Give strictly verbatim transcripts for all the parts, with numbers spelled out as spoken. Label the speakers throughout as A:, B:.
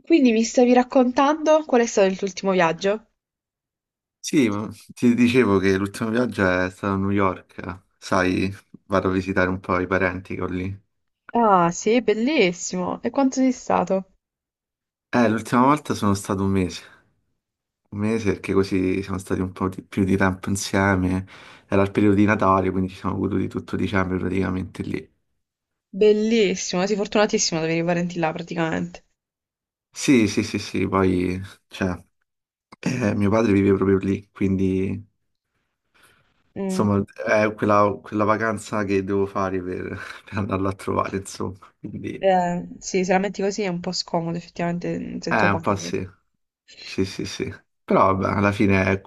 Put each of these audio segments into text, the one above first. A: Quindi mi stavi raccontando qual è stato il tuo ultimo viaggio?
B: Sì, ma ti dicevo che l'ultimo viaggio è stato a New York, sai, vado a visitare un po' i parenti che ho lì.
A: Ah, sì, bellissimo. E quanto sei stato?
B: Eh, l'ultima volta sono stato un mese, un mese perché così siamo stati un po' di- più di tempo insieme, era il periodo di Natale, quindi ci siamo goduti tutto dicembre praticamente lì.
A: Bellissimo, sei fortunatissimo ad avere i parenti là praticamente.
B: Sì, sì, sì, sì, poi, cioè, eh, mio padre vive proprio lì, quindi,
A: Mm.
B: insomma, è quella, quella vacanza che devo fare per, per andarlo a trovare, insomma, quindi,
A: Eh, sì, se la metti così è un po' scomodo effettivamente mm, se tuo
B: eh, un po'
A: padre.
B: sì. Sì, sì, sì. Però vabbè, alla fine, eh,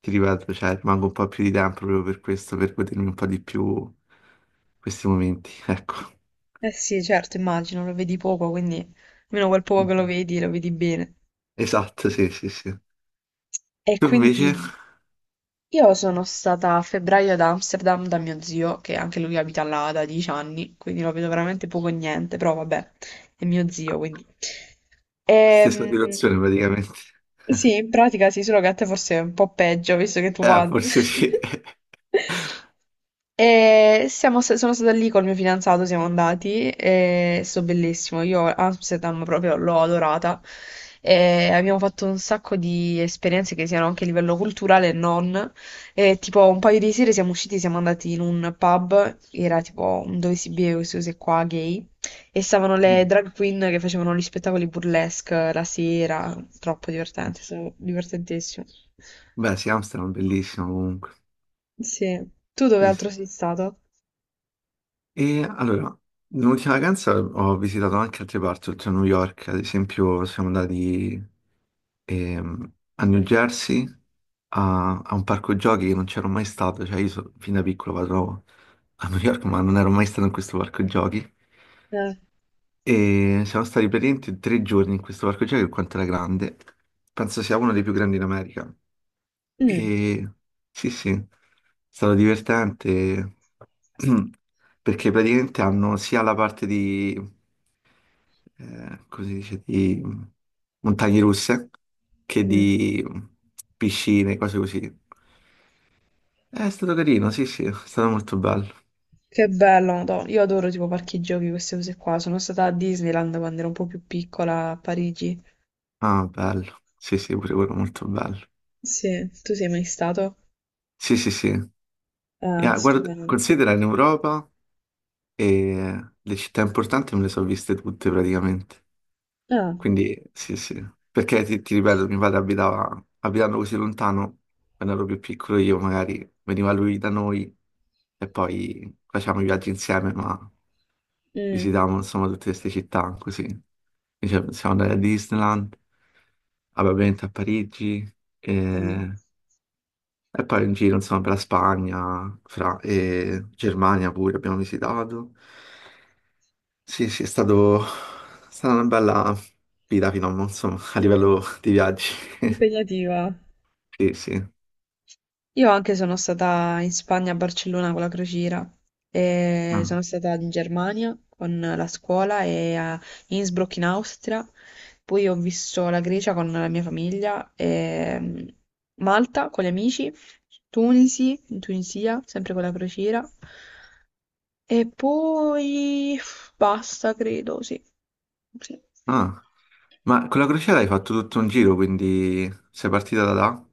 B: ti ripeto, cioè, rimango un po' più di tempo proprio per questo, per godermi un po' di più questi momenti, ecco.
A: Eh sì, certo, immagino, lo vedi poco, quindi almeno quel poco che lo
B: Mhm.
A: vedi, lo vedi bene.
B: Esatto, sì, sì, sì.
A: E
B: Tu
A: quindi
B: invece,
A: io sono stata a febbraio ad Amsterdam da mio zio, che anche lui abita là da dieci anni, quindi lo vedo veramente poco e niente, però vabbè, è mio zio, quindi.
B: stessa
A: Ehm,
B: situazione praticamente.
A: sì, in pratica sì, solo che a te forse è un po' peggio, visto che tu
B: Eh,
A: padre.
B: forse sì.
A: E siamo sta- sono stata lì col mio fidanzato, siamo andati e è stato bellissimo. Io Amsterdam proprio l'ho adorata e abbiamo fatto un sacco di esperienze che siano anche a livello culturale e non. E tipo un paio di sere siamo usciti, siamo andati in un pub, era tipo un dove si beve queste cose qua gay, e stavano le
B: Mm.
A: drag queen che facevano gli spettacoli burlesque la sera, troppo divertente, stavo- divertentissimo.
B: Beh, sì, Amsterdam, bellissimo comunque.
A: Sì. Tu dove
B: Sì,
A: altro
B: sì.
A: sei stato?
B: E allora, nell'ultima vacanza ho visitato anche altre parti, oltre a New York, ad esempio siamo andati ehm, a New Jersey a, a un parco giochi che non c'ero mai stato, cioè io so- fin da piccolo vado a New York ma non ero mai stato in questo parco giochi
A: Eh.
B: e siamo stati praticamente tre giorni in questo parco giochi per quanto era grande, penso sia uno dei più grandi in America
A: Mm,
B: e sì, sì, è stato divertente perché praticamente hanno sia la parte di, eh, come si dice, di montagne russe che
A: mm.
B: di piscine, cose così. È stato carino, sì, sì, è stato molto bello.
A: Che bello, Madò. Io adoro tipo parchi giochi, queste cose qua. Sono stata a Disneyland quando ero un po' più piccola a Parigi.
B: Ah, bello. Sì, sì, pure quello molto bello.
A: Sì, tu sei mai stato?
B: Sì, sì, sì. E,
A: Ah,
B: ah, guarda,
A: stupendo.
B: considera in Europa e le città importanti me le sono viste tutte praticamente.
A: Ah.
B: Quindi sì, sì, perché ti, ti ripeto, mio padre abitava, abitando così lontano, quando ero più piccolo io magari veniva lui da noi e poi facevamo i viaggi insieme, ma
A: Mh.
B: visitavamo insomma tutte queste città così. Dicevo, siamo andati a Disneyland, vabbè, ovviamente a Parigi
A: Mh.
B: e, e poi in giro insomma per la Spagna Fra- e Germania pure abbiamo visitato. Sì, sì, è stato, è stata una bella vita fino a, mo, insomma, a
A: Mh.
B: livello di viaggi.
A: Impegnativa.
B: Sì, sì.
A: Io anche sono stata in Spagna, a Barcellona con la crociera e
B: Ah,
A: sono stata in Germania con la scuola e a Innsbruck in Austria, poi ho visto la Grecia con la mia famiglia, e, mm, Malta con gli amici, Tunisi, in Tunisia, sempre con la crociera. E poi basta, credo, sì. Sì.
B: ah. Ma con la crociera hai fatto tutto un giro, quindi sei partita da là,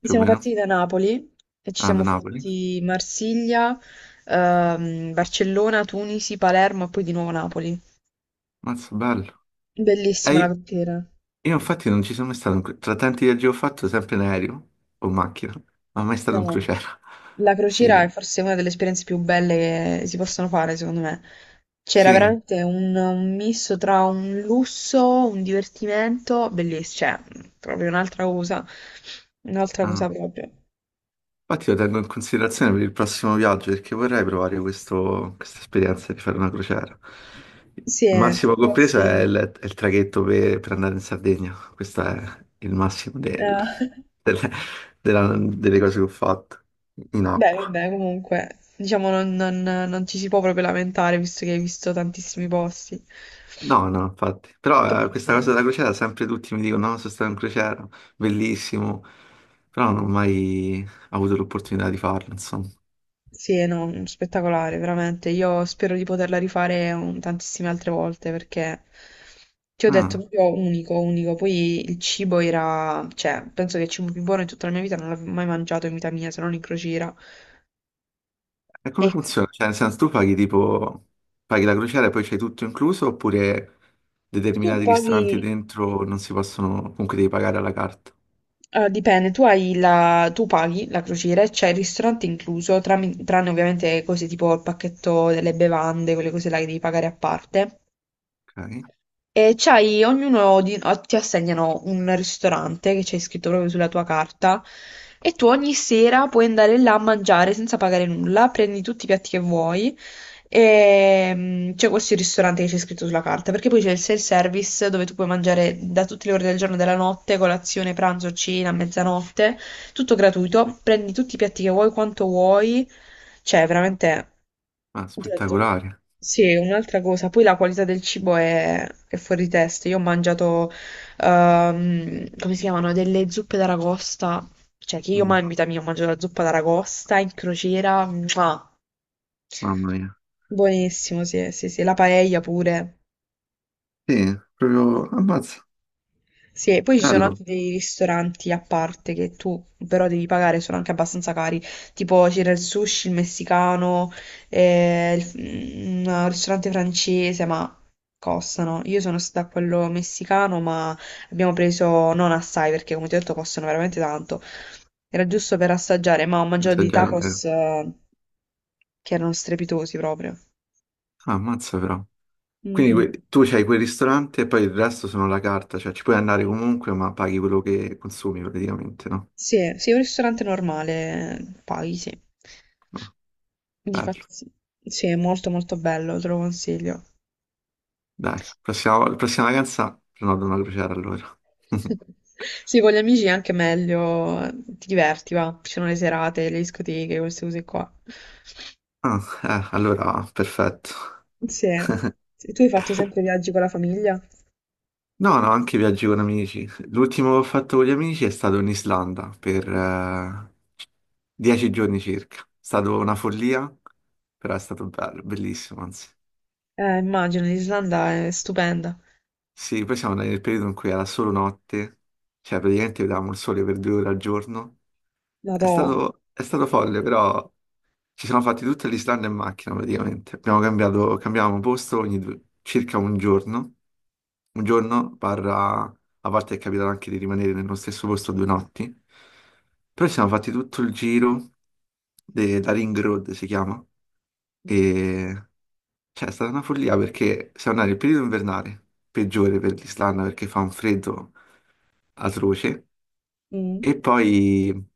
B: più o
A: Siamo
B: meno?
A: partiti da Napoli e ci
B: Ah, da
A: siamo
B: Napoli.
A: fatti Marsiglia, ehm, Barcellona, Tunisi, Palermo e poi di nuovo Napoli.
B: Mazza, bello. E
A: Bellissima la
B: io
A: crociera.
B: io infatti non ci sono mai stato, in cro- tra tanti viaggi che ho fatto, sempre in aereo o in macchina, ma mai stato in
A: No,
B: crociera.
A: la crociera
B: Sì,
A: è forse una delle esperienze più belle che si possono fare, secondo me. C'era
B: sì.
A: veramente un, un misto tra un lusso, un divertimento, bellissimo, cioè proprio un'altra cosa, un'altra
B: Ah.
A: cosa proprio.
B: Infatti lo tengo in considerazione per il prossimo viaggio perché vorrei provare questo- questa esperienza di fare una crociera. Il
A: Sì, è
B: massimo
A: tipo
B: che ho preso è il,
A: classico.
B: è il traghetto per, per andare in Sardegna. Questo è il massimo del-
A: Eh,
B: delle, della- delle cose che ho fatto in
A: beh,
B: acqua.
A: vabbè, comunque, diciamo non, non- non ci si può proprio lamentare visto che hai visto tantissimi posti.
B: No, no, infatti.
A: To-
B: Però eh, questa cosa della crociera, sempre tutti mi dicono, no, sono stato in crociera, bellissimo. Però non ho mai avuto l'opportunità di farlo, insomma.
A: Sì, no, spettacolare, veramente. Io spero di poterla rifare un- tantissime altre volte perché ti ho detto
B: Ah.
A: proprio unico, unico. Poi il cibo era, cioè, penso che il cibo più buono in tutta la mia vita non l'avevo mai mangiato in vita mia, se non in crociera.
B: E
A: E
B: come
A: qui
B: funziona? Cioè, nel senso, tu paghi tipo, paghi la crociera e poi c'hai tutto incluso, oppure
A: tu
B: determinati
A: paghi.
B: ristoranti dentro non si possono, comunque devi pagare alla carta.
A: Eh, dipende, tu hai la tu paghi la crociera e c'è il ristorante incluso, tram- tranne ovviamente cose tipo il pacchetto delle bevande, quelle cose là che devi pagare a parte.
B: Ok?
A: E c'hai ognuno di- o- ti assegnano un ristorante che c'è scritto proprio sulla tua carta e tu ogni sera puoi andare là a mangiare senza pagare nulla, prendi tutti i piatti che vuoi e mm, c'è questo ristorante che c'è scritto sulla carta, perché poi c'è il self-service dove tu puoi mangiare da tutte le ore del giorno e della notte, colazione, pranzo, cena, mezzanotte, tutto gratuito, prendi tutti i piatti che vuoi, quanto vuoi, cioè veramente
B: Ah,
A: ho detto,
B: spettacolare.
A: sì, un'altra cosa, poi la qualità del cibo è, è fuori testa. Io ho mangiato, ehm, come si chiamano, delle zuppe d'aragosta, cioè che io
B: Mm,
A: mai in vita mia ho mangiato la zuppa d'aragosta in crociera, mua.
B: mamma mia.
A: Buonissimo, sì, sì, sì, la paella pure.
B: Sì, proprio, ammazza.
A: Sì, e poi ci sono anche
B: Bello.
A: dei ristoranti a parte che tu però devi pagare, sono anche abbastanza cari, tipo c'era il sushi, il messicano, eh, il- un ristorante francese, ma costano. Io sono stata a quello messicano, ma abbiamo preso non assai perché come ti ho detto costano veramente tanto. Era giusto per assaggiare, ma ho mangiato dei
B: Assaggiare, eh.
A: tacos eh, che erano strepitosi proprio.
B: Ah, ammazza però. Quindi
A: Mhm.
B: que- tu c'hai quel ristorante e poi il resto sono la carta, cioè ci puoi andare comunque, ma paghi quello che consumi praticamente, no?
A: Sì, sì, un ristorante normale, paghi, sì.
B: Ah,
A: Di fa-
B: bello.
A: sì, sì, è molto molto bello, te lo consiglio.
B: Dai, prossima, vol- prossima vacanza prenoto una crociera allora.
A: Sì, con gli amici è anche meglio, ti diverti, va. Ci sono le serate, le discoteche, queste cose qua.
B: Ah, eh, allora, perfetto.
A: Sì. E tu hai fatto sempre viaggi con la famiglia?
B: No, no, anche viaggi con amici. L'ultimo che ho fatto con gli amici è stato in Islanda per eh, dieci giorni circa. È stata una follia, però è stato bello, bellissimo, anzi.
A: Eh, immagino, l'Islanda è stupenda.
B: Sì, poi siamo andati nel periodo in cui era solo notte, cioè praticamente vedevamo il sole per due ore al giorno. È
A: Madò.
B: stato, è stato folle, però ci siamo fatti tutta l'Islanda in macchina praticamente. Abbiamo cambiato, cambiavamo posto ogni due- circa un giorno. Un giorno Parra, a volte è capitato anche di rimanere nello stesso posto due notti, però ci siamo fatti tutto il giro de- da Ring Road, si chiama, e cioè, è stata una follia perché siamo andati nel periodo invernale, peggiore per l'Islanda perché fa un freddo atroce,
A: Mm.
B: e poi,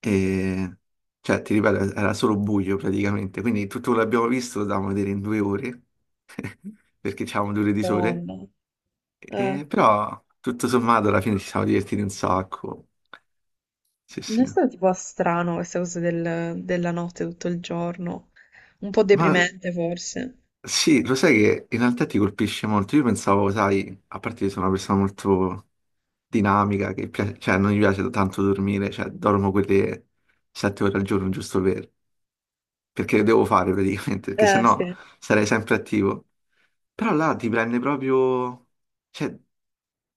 B: eh, cioè, ti ripeto, era solo buio praticamente, quindi tutto quello che abbiamo visto lo dovevamo vedere in due ore, perché c'avevamo due ore di sole.
A: Madonna. Eh.
B: E però tutto sommato alla fine ci siamo divertiti un sacco. Sì,
A: Non
B: sì.
A: è stato tipo strano questa cosa del- della notte tutto il giorno? Un po'
B: Ma
A: deprimente forse.
B: sì, lo sai che in realtà ti colpisce molto. Io pensavo, sai, a parte che sono una persona molto dinamica, che piace- cioè non mi piace tanto dormire, cioè dormo quelle sette ore al giorno giusto per, perché devo fare praticamente, perché
A: Eh,
B: sennò
A: sì.
B: sarei sempre attivo. Però là ti prende proprio, cioè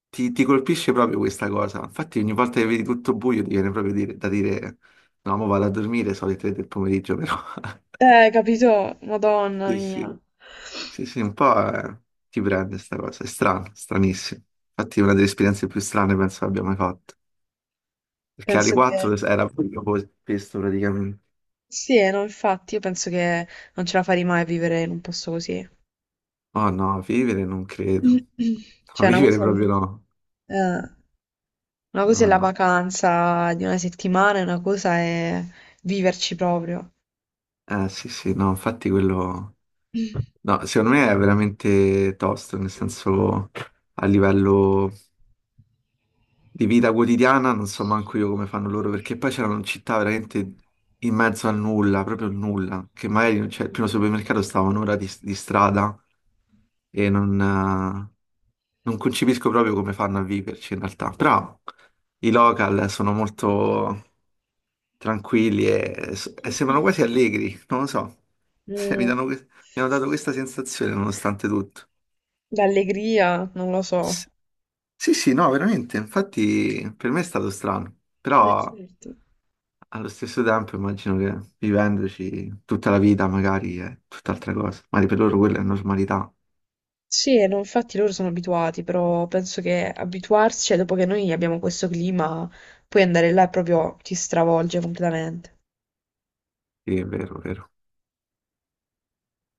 B: ti, ti colpisce proprio questa cosa. Infatti, ogni volta che vedi tutto buio, ti viene proprio dire- da dire: no, mo vado a dormire, sono le tre del pomeriggio, però.
A: Eh, capito? Madonna
B: Sì,
A: mia.
B: sì, sì, sì, un po' eh, ti prende questa cosa. È strano, stranissimo. Infatti, è una delle esperienze più strane penso abbia mai fatto. Perché alle
A: Penso che
B: quattro era proprio così, questo praticamente.
A: sì, eh, no, infatti, io penso che non ce la farei mai a vivere in un posto così.
B: Oh no, vivere non credo. No,
A: Cioè, una
B: vivere
A: cosa, è
B: proprio no.
A: eh, una cosa è
B: No,
A: la
B: no.
A: vacanza di una settimana, e una cosa è viverci proprio.
B: Eh sì, sì, no, infatti quello. No, secondo me è veramente tosto, nel senso a livello di vita quotidiana non so manco io come fanno loro, perché poi c'erano città veramente in mezzo al nulla, proprio il nulla, che magari cioè, il primo supermercato stava un'ora di, di strada e non, eh, non concepisco proprio come fanno a viverci in realtà, però i local sono molto tranquilli e, e sembrano quasi allegri, non lo so, mi
A: Mm,
B: danno que- mi hanno dato questa sensazione nonostante tutto.
A: l'allegria, non lo so.
B: S- Sì, sì, no, veramente. Infatti per me è stato strano,
A: Eh,
B: però
A: certo.
B: allo stesso tempo immagino che vivendoci tutta la vita magari è tutt'altra cosa, magari per loro quella è normalità.
A: Sì, eh, no, infatti loro sono abituati, però penso che abituarsi, cioè, dopo che noi abbiamo questo clima, poi andare là è proprio ti stravolge completamente.
B: Sì, è vero, vero.